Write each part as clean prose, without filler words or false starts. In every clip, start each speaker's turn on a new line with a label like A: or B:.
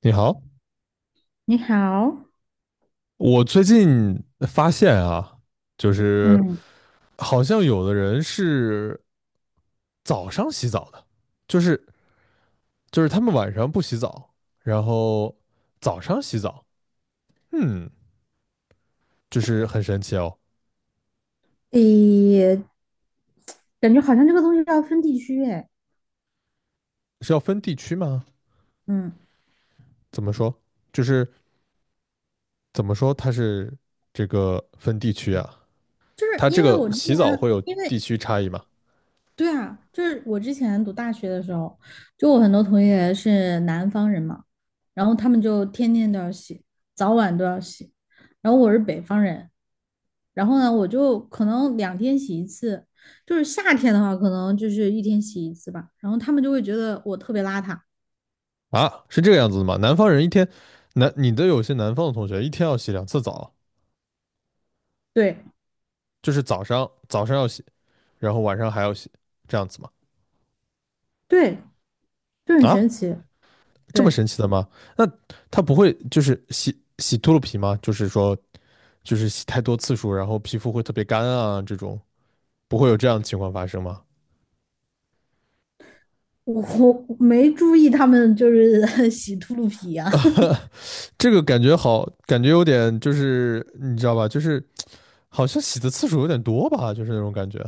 A: 你好，
B: 你好，
A: 我最近发现啊，就是
B: 嗯，
A: 好像有的人是早上洗澡的，就是就是他们晚上不洗澡，然后早上洗澡，嗯，就是很神奇哦。
B: 诶，感觉好像这个东西要分地区诶，
A: 是要分地区吗？
B: 嗯，
A: 怎么说？就是怎么说它是这个分地区啊？
B: 就是
A: 它这
B: 因为
A: 个
B: 我之
A: 洗
B: 前，
A: 澡会有
B: 因
A: 地
B: 为
A: 区差异吗？
B: 对啊，就是我之前读大学的时候，就我很多同学是南方人嘛，然后他们就天天都要洗，早晚都要洗，然后我是北方人，然后呢，我就可能两天洗一次，就是夏天的话，可能就是一天洗一次吧，然后他们就会觉得我特别邋遢，
A: 啊，是这个样子的吗？南方人一天，南你的有些南方的同学一天要洗两次澡。
B: 对
A: 就是早上要洗，然后晚上还要洗，这样子吗？
B: 对，就很神
A: 啊，
B: 奇，
A: 这么
B: 对。
A: 神奇的吗？那它不会就是洗洗秃噜皮吗？就是说就是洗太多次数，然后皮肤会特别干啊，这种不会有这样的情况发生吗？
B: 我我没注意他们就是 洗秃噜皮啊，
A: 这个感觉好，感觉有点就是你知道吧，就是好像洗的次数有点多吧，就是那种感觉。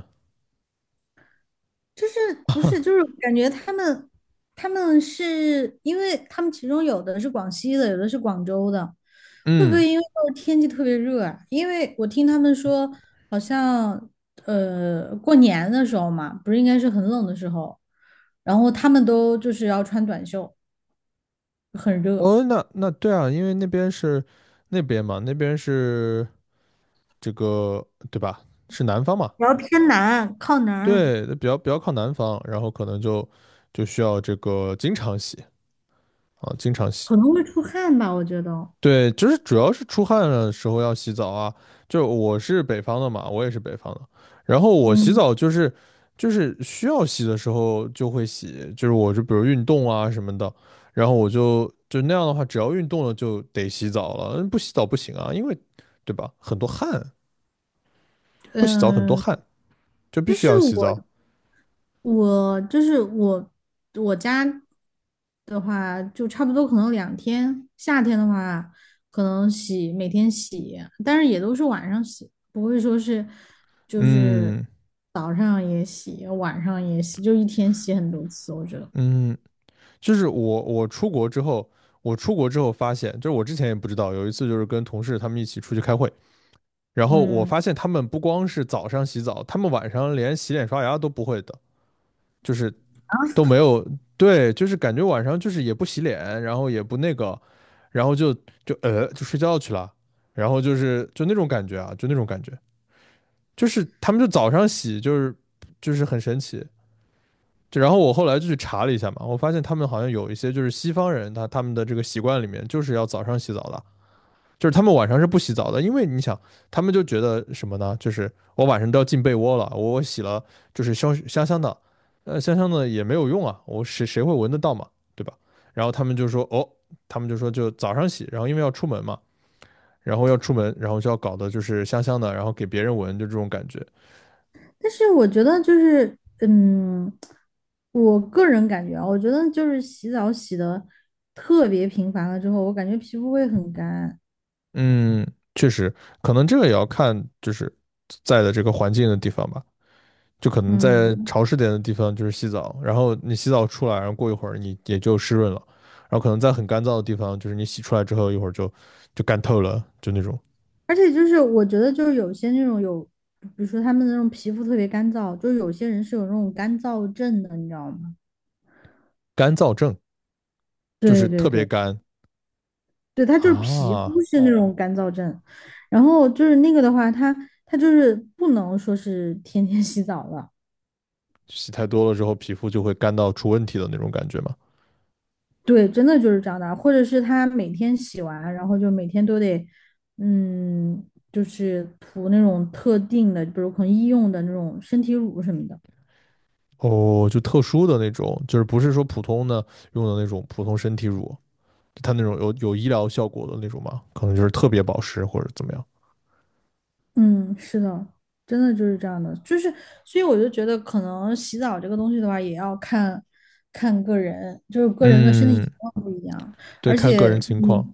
B: 就是不是就是感觉他们是因为他们其中有的是广西的，有的是广州的，会不
A: 嗯，
B: 会因为就是天气特别热啊？因为我听他们说，好像过年的时候嘛，不是应该是很冷的时候，然后他们都就是要穿短袖，很热，
A: 哦，那对啊，因为那边是那边嘛，那边是这个对吧？是南方嘛，
B: 然后偏南靠南，
A: 对，比较靠南方，然后可能就需要这个经常洗啊，经常洗。
B: 可能会出汗吧，我觉得。
A: 对，就是主要是出汗的时候要洗澡啊。就我是北方的嘛，我也是北方的，然后我洗
B: 嗯
A: 澡就是就是需要洗的时候就会洗，就是我就比如运动啊什么的，然后我就那样的话，只要运动了就得洗澡了，不洗澡不行啊，因为对吧，很多汗，不洗澡很多
B: 嗯，
A: 汗，就必
B: 就
A: 须
B: 是
A: 要洗
B: 我，
A: 澡。
B: 我就是我，我家的话就差不多，可能两天。夏天的话，可能每天洗，但是也都是晚上洗，不会说是就是
A: 嗯
B: 早上也洗，晚上也洗，就一天洗很多次。我觉得，
A: 嗯,就是我出国之后，我出国之后发现，就是我之前也不知道，有一次就是跟同事他们一起出去开会，然后我
B: 嗯，
A: 发现他们不光是早上洗澡，他们晚上连洗脸刷牙都不会的，就是都没有，对，就是感觉晚上就是也不洗脸，然后也不那个，然后就睡觉去了，然后就是就那种感觉啊，就那种感觉，就是他们就早上洗，就是就是很神奇，就然后我后来就去查了一下嘛，我发现他们好像有一些就是西方人，他们的这个习惯里面就是要早上洗澡的，就是他们晚上是不洗澡的，因为你想，他们就觉得什么呢？就是我晚上都要进被窝了，我洗了就是香香的，香香的也没有用啊，谁会闻得到嘛，对吧？然后他们就说，哦，他们就说就早上洗，然后因为要出门嘛，然后要出门，然后就要搞的就是香香的，然后给别人闻，就这种感觉。
B: 但是我觉得就是，嗯，我个人感觉啊，我觉得就是洗澡洗的特别频繁了之后，我感觉皮肤会很干，
A: 嗯，确实，可能这个也要看就是在的这个环境的地方吧。就可能在
B: 嗯。
A: 潮湿点的地方就是洗澡，然后你洗澡出来，然后过一会儿你也就湿润了。然后可能在很干燥的地方，就是你洗出来之后一会儿就干透了，就那种
B: 而且就是我觉得就是有些那种有，比如说他们那种皮肤特别干燥，就是有些人是有那种干燥症的，你知道吗？
A: 干燥症，就是
B: 对对
A: 特别
B: 对
A: 干
B: 对，他就是皮
A: 啊，
B: 肤是那种干燥症，然后就是那个的话，他就是不能说是天天 洗澡了，
A: 洗太多了之后皮肤就会干到出问题的那种感觉嘛。
B: 对，真的就是这样的，或者是他每天洗完，然后就每天都得，嗯，就是涂那种特定的，比如可能医用的那种身体乳什么的。
A: 哦，就特殊的那种，就是不是说普通的用的那种普通身体乳，它那种有医疗效果的那种嘛，可能就是特别保湿或者怎么样。
B: 嗯，是的，真的就是这样的，就是，所以我就觉得，可能洗澡这个东西的话，也要看看个人，就是个人的身体
A: 嗯，
B: 情况不一样，
A: 对，
B: 而
A: 看个人
B: 且
A: 情
B: 你
A: 况。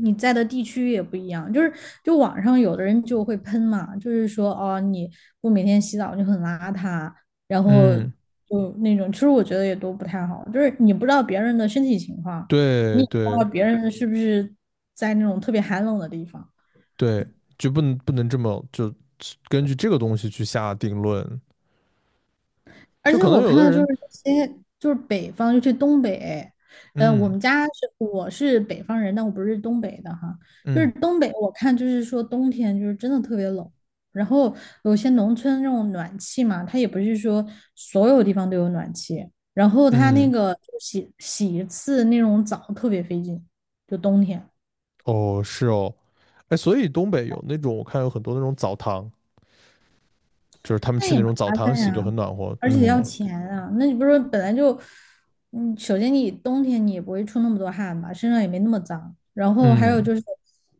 B: 你在的地区也不一样，就是就网上有的人就会喷嘛，就是说哦，你不每天洗澡就很邋遢，然后
A: 嗯，
B: 就那种，其实我觉得也都不太好，就是你不知道别人的身体情况，你
A: 对
B: 也不知
A: 对
B: 道别人是不是在那种特别寒冷的地方。
A: 对，就不能这么就根据这个东西去下定论。
B: 而
A: 就
B: 且
A: 可能
B: 我
A: 有
B: 看
A: 的
B: 到就是
A: 人，
B: 有些就是北方，尤其东北，呃，我
A: 嗯
B: 们家是我是北方人，但我不是东北的哈。就是
A: 嗯
B: 东北，我看就是说冬天就是真的特别冷，然后有些农村那种暖气嘛，它也不是说所有地方都有暖气，然后它那
A: 嗯，
B: 个就洗一次那种澡特别费劲，就冬天。
A: 哦是哦，哎，所以东北有那种我看有很多那种澡堂，就是他们
B: 那
A: 去
B: 也
A: 那
B: 麻
A: 种澡堂
B: 烦
A: 洗就
B: 呀，
A: 很暖和。
B: 而且
A: 嗯
B: 要钱啊。那你不是本来就，嗯，首先你冬天你也不会出那么多汗吧，身上也没那么脏。然后还有
A: 嗯,
B: 就是，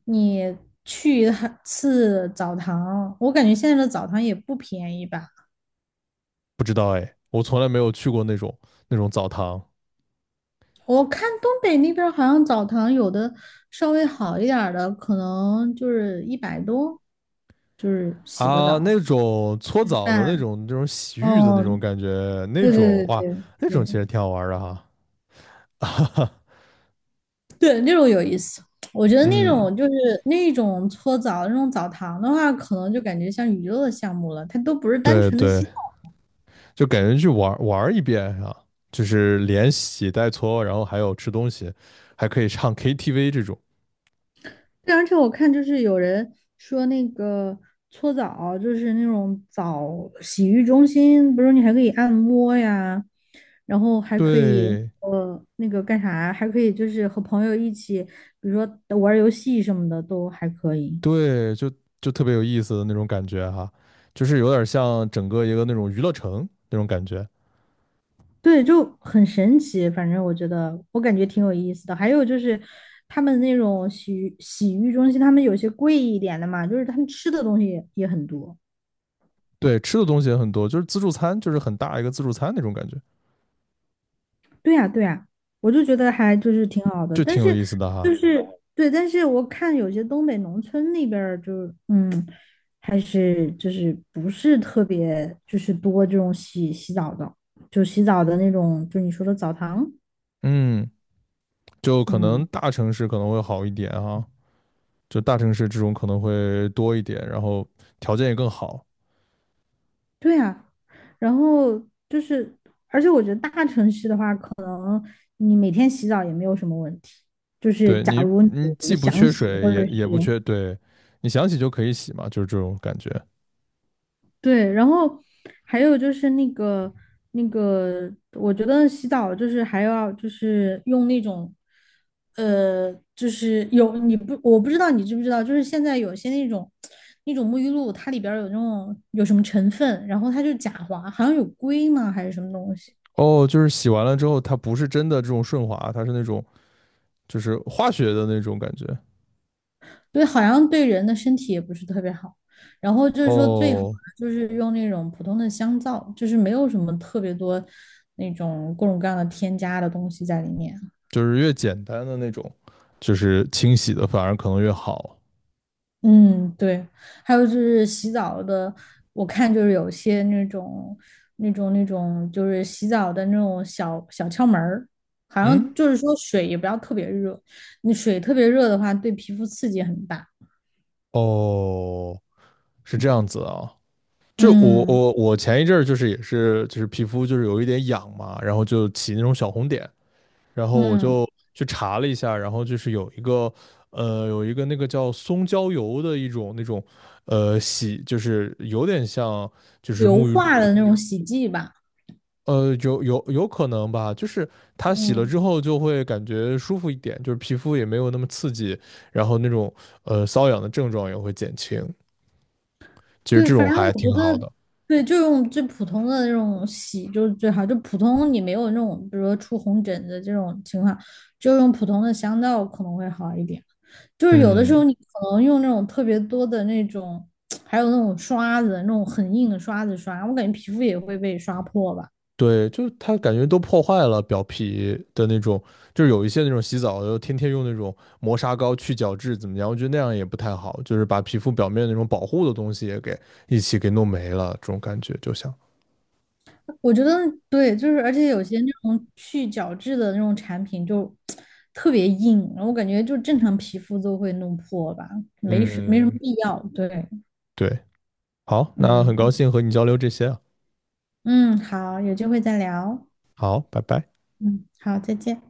B: 你去一趟次澡堂，我感觉现在的澡堂也不便宜吧。
A: 不知道哎，我从来没有去过那种澡堂。
B: 我看东北那边儿好像澡堂有的稍微好一点儿的，可能就是100多，就是洗个
A: 啊，那
B: 澡、
A: 种搓
B: 吃
A: 澡的那
B: 饭。
A: 种、那种洗浴的那
B: 哦，
A: 种感觉，那
B: 对
A: 种
B: 对
A: 哇，
B: 对
A: 那
B: 对
A: 种其
B: 对。
A: 实挺好玩儿的哈。
B: 对，那种有意思。我觉得那
A: 嗯，
B: 种就是那种搓澡、那种澡堂的话，可能就感觉像娱乐的项目了，它都不是单
A: 对
B: 纯的
A: 对，
B: 洗澡。
A: 就感觉去玩玩儿一遍啊，就是连洗带搓，然后还有吃东西，还可以唱 KTV 这种。
B: 对，而且我看就是有人说那个搓澡，就是那种洗浴中心，不是你还可以按摩呀，然后还可以
A: 对
B: 那个干啥，还可以就是和朋友一起，比如说玩儿游戏什么的都还可以。
A: 对，就特别有意思的那种感觉哈，就是有点像整个一个那种娱乐城那种感觉。
B: 对，就很神奇。反正我觉得，我感觉挺有意思的。还有就是，他们那种洗浴中心，他们有些贵一点的嘛，就是他们吃的东西也很多。
A: 对，吃的东西也很多，就是自助餐，就是很大一个自助餐那种感觉，
B: 对呀，对呀，我就觉得还就是挺好的。
A: 就
B: 但
A: 挺有
B: 是
A: 意思的
B: 就
A: 哈。
B: 是对，但是我看有些东北农村那边儿就是嗯，还是就是不是特别就是多这种洗洗澡的，就洗澡的那种，就你说的澡堂，
A: 嗯。就可
B: 嗯。
A: 能大城市可能会好一点啊，就大城市这种可能会多一点，然后条件也更好。
B: 对啊，然后就是，而且我觉得大城市的话，可能你每天洗澡也没有什么问题。就是
A: 对
B: 假
A: 你，
B: 如
A: 你
B: 你
A: 既不
B: 想
A: 缺
B: 洗，
A: 水，
B: 或者
A: 也
B: 是
A: 也不缺，对你想洗就可以洗嘛，就是这种感觉。
B: 对，然后还有就是那个，我觉得洗澡就是还要就是用那种，就是有你不我不知道你知不知道，就是现在有些那种沐浴露，它里边儿有那种有什么成分，然后它就假滑，好像有硅吗还是什么东西。
A: 哦，就是洗完了之后，它不是真的这种顺滑，它是那种就是化学的那种感觉。
B: 对，好像对人的身体也不是特别好。然后就是说，最好的
A: 哦，
B: 就是用那种普通的香皂，就是没有什么特别多那种各种各样的添加的东西在里面。
A: 就是越简单的那种，就是清洗的反而可能越好。
B: 嗯，对。还有就是洗澡的，我看就是有些那种，就是洗澡的那种小小窍门儿，好像
A: 嗯，
B: 就是说水也不要特别热，你水特别热的话，对皮肤刺激很大。
A: 哦，是这样子啊。就我
B: 嗯
A: 我我前一阵儿就是也是就是皮肤就是有一点痒嘛，然后就起那种小红点，然后我
B: 嗯，
A: 就去查了一下，然后就是有一个那个叫松焦油的一种那种呃洗，就是有点像就是
B: 硫
A: 沐浴露，
B: 化的那种洗剂吧。
A: 呃有可能吧，就是它洗了之
B: 嗯。
A: 后就会感觉舒服一点，就是皮肤也没有那么刺激，然后那种呃瘙痒的症状也会减轻，其实
B: 对，
A: 这
B: 反
A: 种
B: 正
A: 还
B: 我觉
A: 挺好
B: 得，
A: 的，
B: 对，就用最普通的那种洗就是最好。就普通你没有那种，比如说出红疹子这种情况，就用普通的香皂可能会好一点。就是有的时候
A: 嗯。
B: 你可能用那种特别多的那种，还有那种刷子，那种很硬的刷子刷，我感觉皮肤也会被刷破吧。
A: 对，就是它感觉都破坏了表皮的那种，就是有一些那种洗澡的，天天用那种磨砂膏去角质怎么样？我觉得那样也不太好，就是把皮肤表面那种保护的东西也给一起给弄没了，这种感觉就像，
B: 我觉得对，就是而且有些那种去角质的那种产品就 特别硬，然后我感觉就正常皮肤都会弄破吧，没什么
A: 嗯，
B: 必要。对，
A: 对，好，那很高
B: 嗯。
A: 兴和你交流这些啊，
B: 嗯，好，有机会再聊。
A: 好，拜拜。
B: 嗯，好，再见。